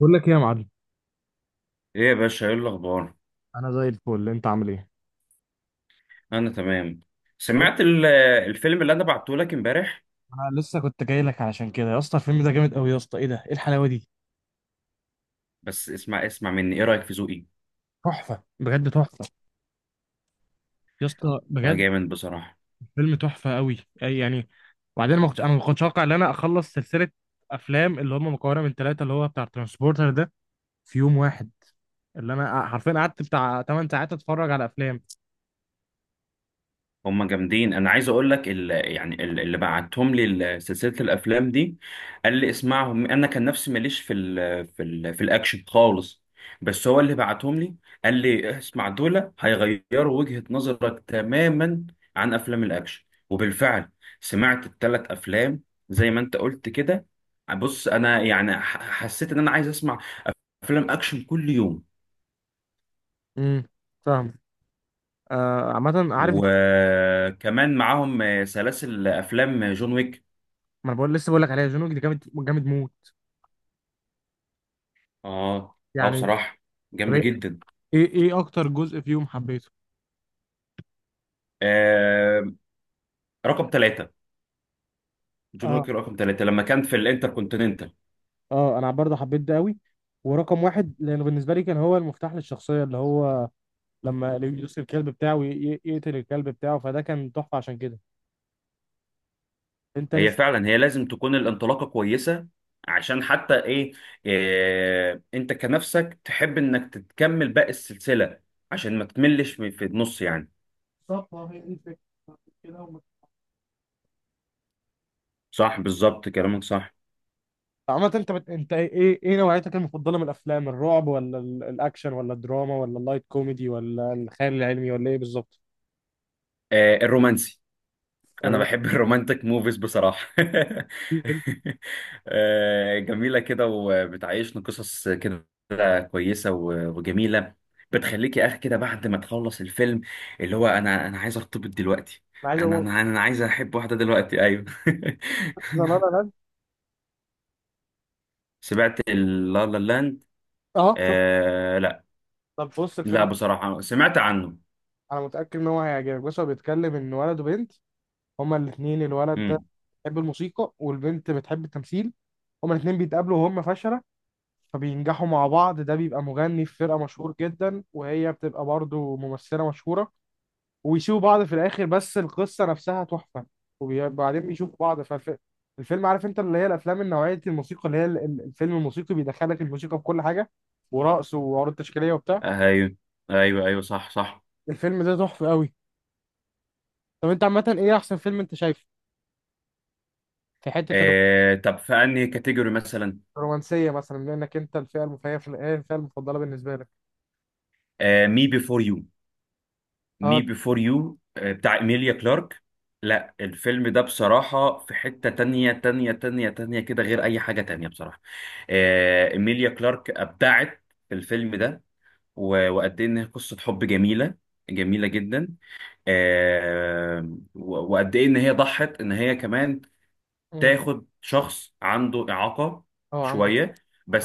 بقول لك ايه يا معلم؟ ايه يا باشا، ايه الاخبار؟ انا زي الفل، انت عامل ايه؟ انا تمام. سمعت الفيلم اللي انا بعته لك امبارح. انا لسه كنت جاي لك علشان كده يا اسطى. الفيلم ده جامد قوي يا اسطى. ايه ده؟ ايه الحلاوه دي؟ بس اسمع مني، ايه رايك في ذوقي؟ تحفه بجد تحفه يا اسطى، والله بجد. جامد بصراحه. فيلم تحفه قوي. اي يعني. وبعدين ما كنتش انا ما كنتش اتوقع ان انا اخلص سلسله افلام اللي هم مكونه من ثلاثه، اللي هو بتاع ترانسبورتر ده، في يوم واحد. اللي انا حرفيا قعدت بتاع 8 ساعات اتفرج على افلام. هم جامدين. انا عايز اقول لك اللي بعتهم لي، سلسله الافلام دي، قال لي اسمعهم. انا كان نفسي ماليش في ال في ال في الاكشن خالص، بس هو اللي بعتهم لي، قال لي اسمع دول هيغيروا وجهه نظرك تماما عن افلام الاكشن. وبالفعل سمعت الثلاث افلام، زي ما انت قلت كده. بص انا يعني حسيت ان انا عايز اسمع افلام اكشن كل يوم. امم فاهم. آه عامه عارف ما. وكمان معاهم سلاسل افلام جون ويك. انا بقول، لسه بقول لك عليها، جون ويك ده جامد جامد موت اه اه يعني. بصراحة طب جامدة ايه، جدا. ايه اكتر جزء فيهم حبيته؟ آه، رقم ثلاثة. جون اه، ويك رقم ثلاثة لما كان في الانتركونتيننتال. اه انا برضه حبيت ده قوي. ورقم واحد لانه بالنسبه لي كان هو المفتاح للشخصيه، اللي هو لما يدوس الكلب بتاعه يقتل الكلب بتاعه، فده كان تحفه عشان كده. انت هي لسه. فعلا هي لازم تكون الانطلاقة كويسة عشان حتى ايه. آه، انت كنفسك تحب انك تكمل باقي السلسلة عشان ما تملش في النص يعني. بالظبط، ما هي دي الفكره. كده هم-. صح، بالظبط كلامك صح. عامة انت انت ايه نوعيتك المفضله من الافلام؟ الرعب ولا الاكشن ولا الدراما ولا اللايت كوميدي ولا الخيال العلمي ولا ايه بالظبط؟ آه، الرومانسي. انا الر-. بحب الرومانتك موفيز بصراحه آه، جميله كده وبتعيشنا قصص كده كويسه وجميله. بتخليك يا اخي كده بعد ما تخلص الفيلم، اللي هو انا عايز ارتبط دلوقتي. انا عايز انا اقول. انا انا عايز احب واحده دلوقتي، ايوه. لا لا لا. سمعت لا لا لاند؟ اه شفت. آه لا، طب بص لا الفيلم، بصراحه سمعت عنه. انا متاكد ان هو هيعجبك. بص هو بيتكلم ان ولد وبنت، هما الاثنين، الولد ده امم بيحب الموسيقى والبنت بتحب التمثيل. هما الاثنين بيتقابلوا وهم فشلة، فبينجحوا مع بعض. ده بيبقى مغني في فرقة مشهور جدا، وهي بتبقى برضه ممثلة مشهورة، ويسيبوا بعض في الآخر، بس القصة نفسها تحفة. وبعدين بيشوفوا بعض فالفيلم. عارف انت اللي هي الأفلام النوعية الموسيقى، اللي هي الفيلم الموسيقي بيدخلك الموسيقى في كل حاجة، ورقص وعروض تشكيلية وبتاع. ايوه ايوه، ايوه صح صح. الفيلم ده تحفة قوي. طب انت عامة ايه أحسن فيلم انت شايفه في حتة آه، طب في انهي كاتيجوري مثلا؟ رومانسيه مثلا، بما انك انت الفئه المفيده في الايه، الفئه المفضله بالنسبه لك؟ آه، مي بيفور يو. اه. مي بيفور يو بتاع إيميليا كلارك. لا الفيلم ده بصراحة في حتة تانية تانية تانية تانية كده، غير أي حاجة تانية بصراحة. آه، إيميليا كلارك أبدعت في الفيلم ده. وقد إيه إن هي قصة حب جميلة، جميلة جدا. آه، وقد إيه إن هي ضحت إن هي كمان مم. تاخد شخص عنده إعاقة اه عندك. شوية.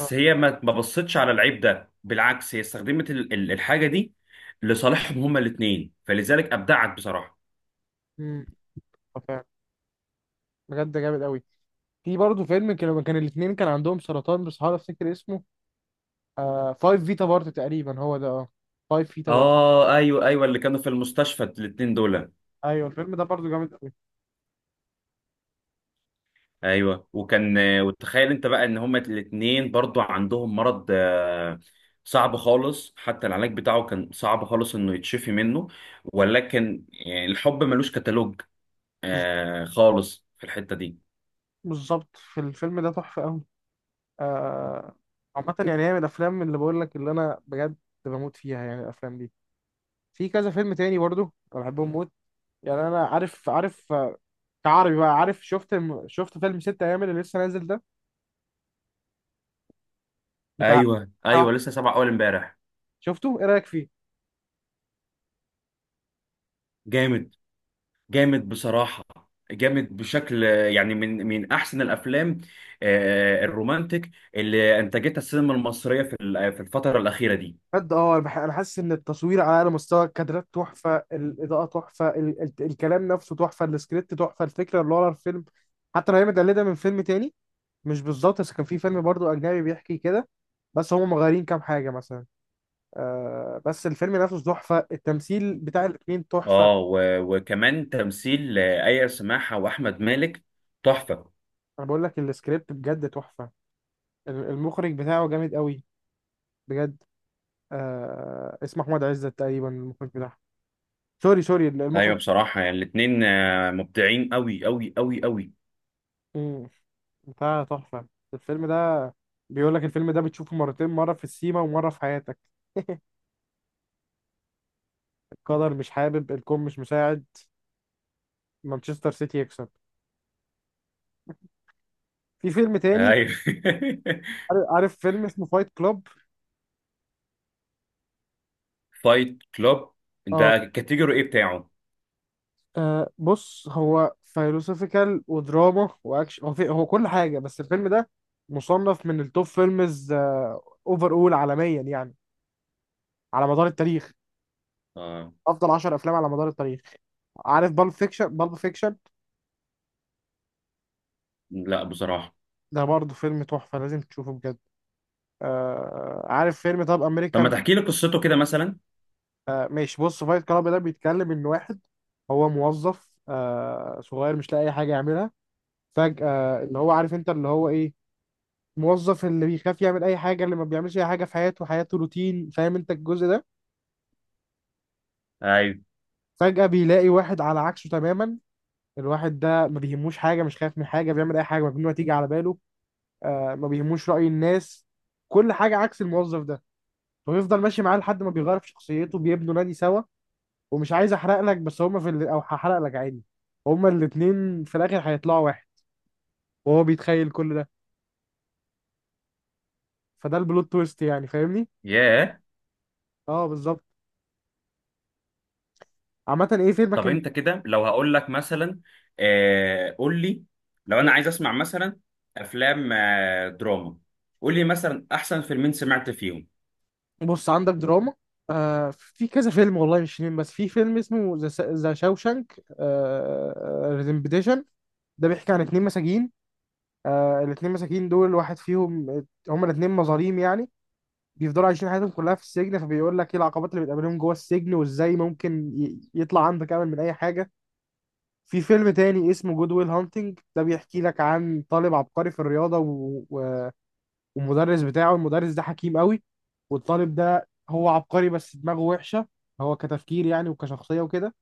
اه. هي ما بصتش على العيب ده، بالعكس هي استخدمت الحاجة دي لصالحهم هما الاتنين، فلذلك أبدعت بصراحة. مم. آه، فعلا. بجد جامد قوي. في برضه فيلم كان لما كان الاثنين كان عندهم سرطان، بس هحاول افتكر اسمه. آه فايف فيتا بارت تقريبا هو ده، اه فايف فيتا بارت. اه ايوه ايوه، اللي كانوا في المستشفى الاتنين دول. ايوه الفيلم ده برضه جامد قوي. ايوه وكان، وتخيل انت بقى ان هما الاتنين برضو عندهم مرض آه، صعب خالص، حتى العلاج بتاعه كان صعب خالص انه يتشفي منه. ولكن يعني الحب ملوش كتالوج بز-. آه، خالص في الحتة دي. بالظبط، في الفيلم ده تحفه قوي. آه. عامه يعني هي من الافلام اللي بقول لك، اللي انا بجد بموت فيها يعني، الافلام دي. في كذا فيلم تاني برضه انا بحبهم موت يعني. انا عارف عارف كعربي بقى، عارف شفت، شفت فيلم ست ايام اللي لسه نازل ده، بتاع. ايوه ايوه، لسه سبع اول امبارح. شفته ايه رايك فيه؟ جامد، جامد بصراحه. جامد بشكل يعني من من احسن الافلام آه، الرومانتك اللي انتجتها السينما المصريه في في الفتره الاخيره دي. بجد اه، انا أنا حاسس ان التصوير على اعلى مستوى، الكادرات تحفه، الاضاءه تحفه، ال... ال... الكلام نفسه تحفه، السكريبت تحفه، الفكره اللي ورا الفيلم، حتى لو هي متقلده من فيلم تاني، مش بالظبط بس كان في فيلم برضو اجنبي بيحكي كده، بس هم مغيرين كام حاجه مثلا. آه بس الفيلم نفسه تحفه، التمثيل بتاع الاتنين تحفه. اه وكمان تمثيل آه، ايا سماحه واحمد مالك تحفه. انا بقول لك السكريبت بجد تحفه. المخرج بتاعه جامد قوي بجد. آه اسمه احمد عزت تقريبا، المخرج بتاعها. سوري سوري، ايوه المخرج. بصراحه يعني الاثنين مبدعين قوي قوي قوي قوي. مم. بتاع تحفه الفيلم ده. بيقول لك الفيلم ده بتشوفه مرتين، مره في السيما ومره في حياتك. قدر مش حابب، الكون مش مساعد، مانشستر سيتي يكسب. في فيلم تاني، ايوه. عارف فيلم اسمه فايت كلوب؟ فايت كلوب، اه. ده الكاتيجوري ايه بتاعه؟ آه، بص هو فيلوسوفيكال ودراما واكشن، هو في... هو كل حاجه. بس الفيلم ده مصنف من التوب فيلمز اوفر اول عالميا يعني، على مدار التاريخ، آه. افضل 10 افلام على مدار التاريخ. عارف بالب فيكشن؟ بالب فيكشن لا بصراحه. ده برضه فيلم تحفه، لازم تشوفه بجد. آه عارف فيلم طب طب ما امريكان؟ تحكي لي قصته كده مثلا. آه ماشي، بص فايت كلاب ده بيتكلم ان واحد هو موظف آه صغير مش لاقي اي حاجه يعملها. فجاه اللي هو عارف انت اللي هو ايه، موظف اللي بيخاف يعمل اي حاجه، اللي ما بيعملش اي حاجه في حياته، حياته روتين، فاهم انت الجزء ده. ايوه. فجاه بيلاقي واحد على عكسه تماما، الواحد ده ما بيهموش حاجه، مش خايف من حاجه، بيعمل اي حاجه مجنونه تيجي على باله، آه ما بيهموش رأي الناس، كل حاجة عكس الموظف ده. ويفضل ماشي معاه لحد ما بيغير في شخصيته، بيبنوا نادي سوا. ومش عايز احرق لك بس هما في ال...، او هحرق لك عادي، هما الاتنين في الاخر هيطلعوا واحد وهو بيتخيل كل ده، فده البلوت تويست يعني، فاهمني. ياه. اه بالظبط. عامة ايه فيلمك طب الم...؟ انت كده لو هقول لك مثلا آه، قول لي، لو انا عايز اسمع مثلا افلام آه دراما، قول لي مثلا احسن فيلمين سمعت فيهم. بص عندك دراما آه، في كذا فيلم، والله مش فيلم بس، في فيلم اسمه ذا شاوشانك ريدمبشن، ده بيحكي عن اتنين مساجين. آه الاتنين مساجين دول واحد فيهم، هما الاتنين مظاليم يعني، بيفضلوا عايشين حياتهم كلها في السجن. فبيقول لك ايه العقبات اللي بتقابلهم جوه السجن، وازاي ممكن يطلع عندك امل من اي حاجه. في فيلم تاني اسمه جود ويل هانتنج، ده بيحكي لك عن طالب عبقري في الرياضه والمدرس بتاعه، المدرس ده حكيم قوي، والطالب ده هو عبقري بس دماغه وحشه، هو كتفكير يعني وكشخصيه وكده.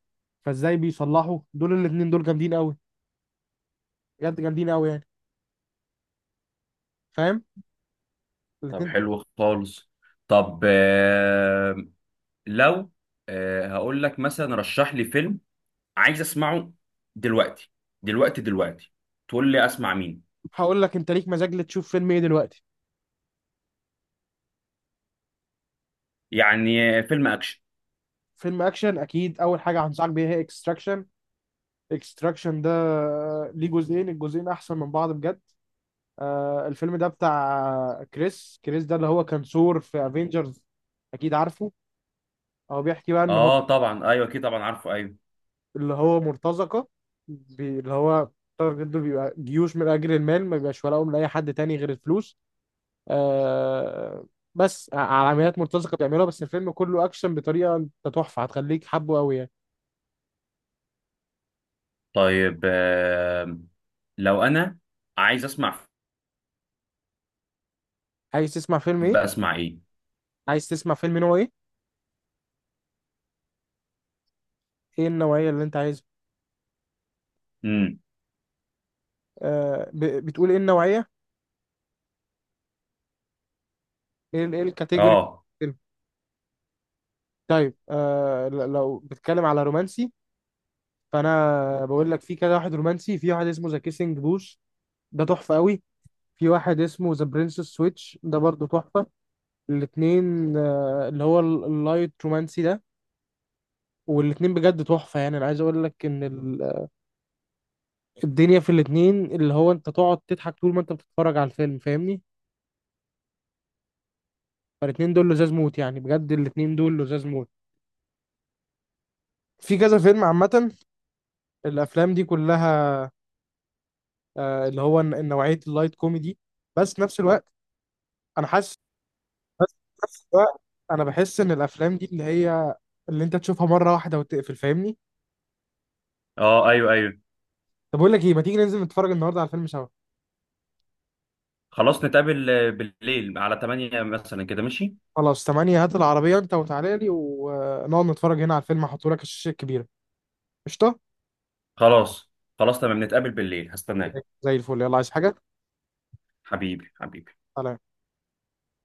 فازاي بيصلحوا، دول الاتنين دول جامدين قوي، بجد جامدين قوي يعني، فاهم، طب الاتنين. حلو خالص. طب آه لو، آه هقول لك مثلا رشح لي فيلم عايز اسمعه دلوقتي دلوقتي دلوقتي، تقول لي اسمع مين؟ هقول لك، انت ليك مزاج لتشوف فيلم ايه دلوقتي؟ يعني آه، فيلم اكشن. فيلم اكشن؟ اكيد اول حاجه هنصحك بيها هي اكستراكشن. اكستراكشن ده آه، ليه جزئين، الجزئين احسن من بعض بجد. آه، الفيلم ده بتاع كريس ده، اللي هو كان ثور في افنجرز، اكيد عارفه. هو بيحكي بقى ان هو اه طبعا ايوه اكيد طبعا عارفه ايوه. اللي هو مرتزقه، اللي هو تارجت دول بيبقى جيوش من اجل المال، ما بيبقاش ولاهم لاي حد تاني غير الفلوس. آه بس على عمليات مرتزقه بيعملوها، بس الفيلم كله اكشن بطريقه انت تحفه، هتخليك حبه قوي يعني. طيب آه، لو انا عايز اسمع، عايز تسمع فيلم ايه؟ بسمع ايه؟ عايز تسمع فيلم نوع ايه؟ ايه النوعيه اللي انت عايزها؟ امم آه، بتقول ايه النوعيه؟ ايه ايه الكاتيجوري بتاعت اه الفيلم؟ طيب آه، لو بتتكلم على رومانسي، فانا بقول لك في كده واحد رومانسي. في واحد اسمه ذا كيسنج بوث، ده تحفه قوي. في واحد اسمه ذا برنسس سويتش، ده برضو تحفه. الاثنين آه اللي هو اللايت رومانسي ده، والاثنين بجد تحفه. يعني انا عايز اقول لك ان الدنيا في الاثنين اللي هو انت تقعد تضحك طول ما انت بتتفرج على الفيلم، فاهمني. فالاثنين دول لزاز موت يعني، بجد الاثنين دول لزاز موت. في كذا فيلم عامه، الافلام دي كلها آه، اللي هو نوعية اللايت كوميدي. بس في نفس الوقت أنا حاسس، بس في نفس الوقت أنا بحس إن الأفلام دي اللي هي اللي أنت تشوفها مرة واحدة وتقفل، فاهمني. اه ايوه ايوه. طب أقول لك إيه، ما تيجي ننزل نتفرج النهاردة على الفيلم سوا؟ خلاص نتقابل آه، بالليل على 8 مثلا كده ماشي. خلاص تمانية، هات العربية أنت وتعالى لي، ونقعد نتفرج هنا على الفيلم، هحطه لك الشاشة الكبيرة. قشطة. خلاص، خلاص تمام نتقابل بالليل، هستناك. زي الفل، يلا عايز حاجة؟ حبيبي حبيبي. سلام.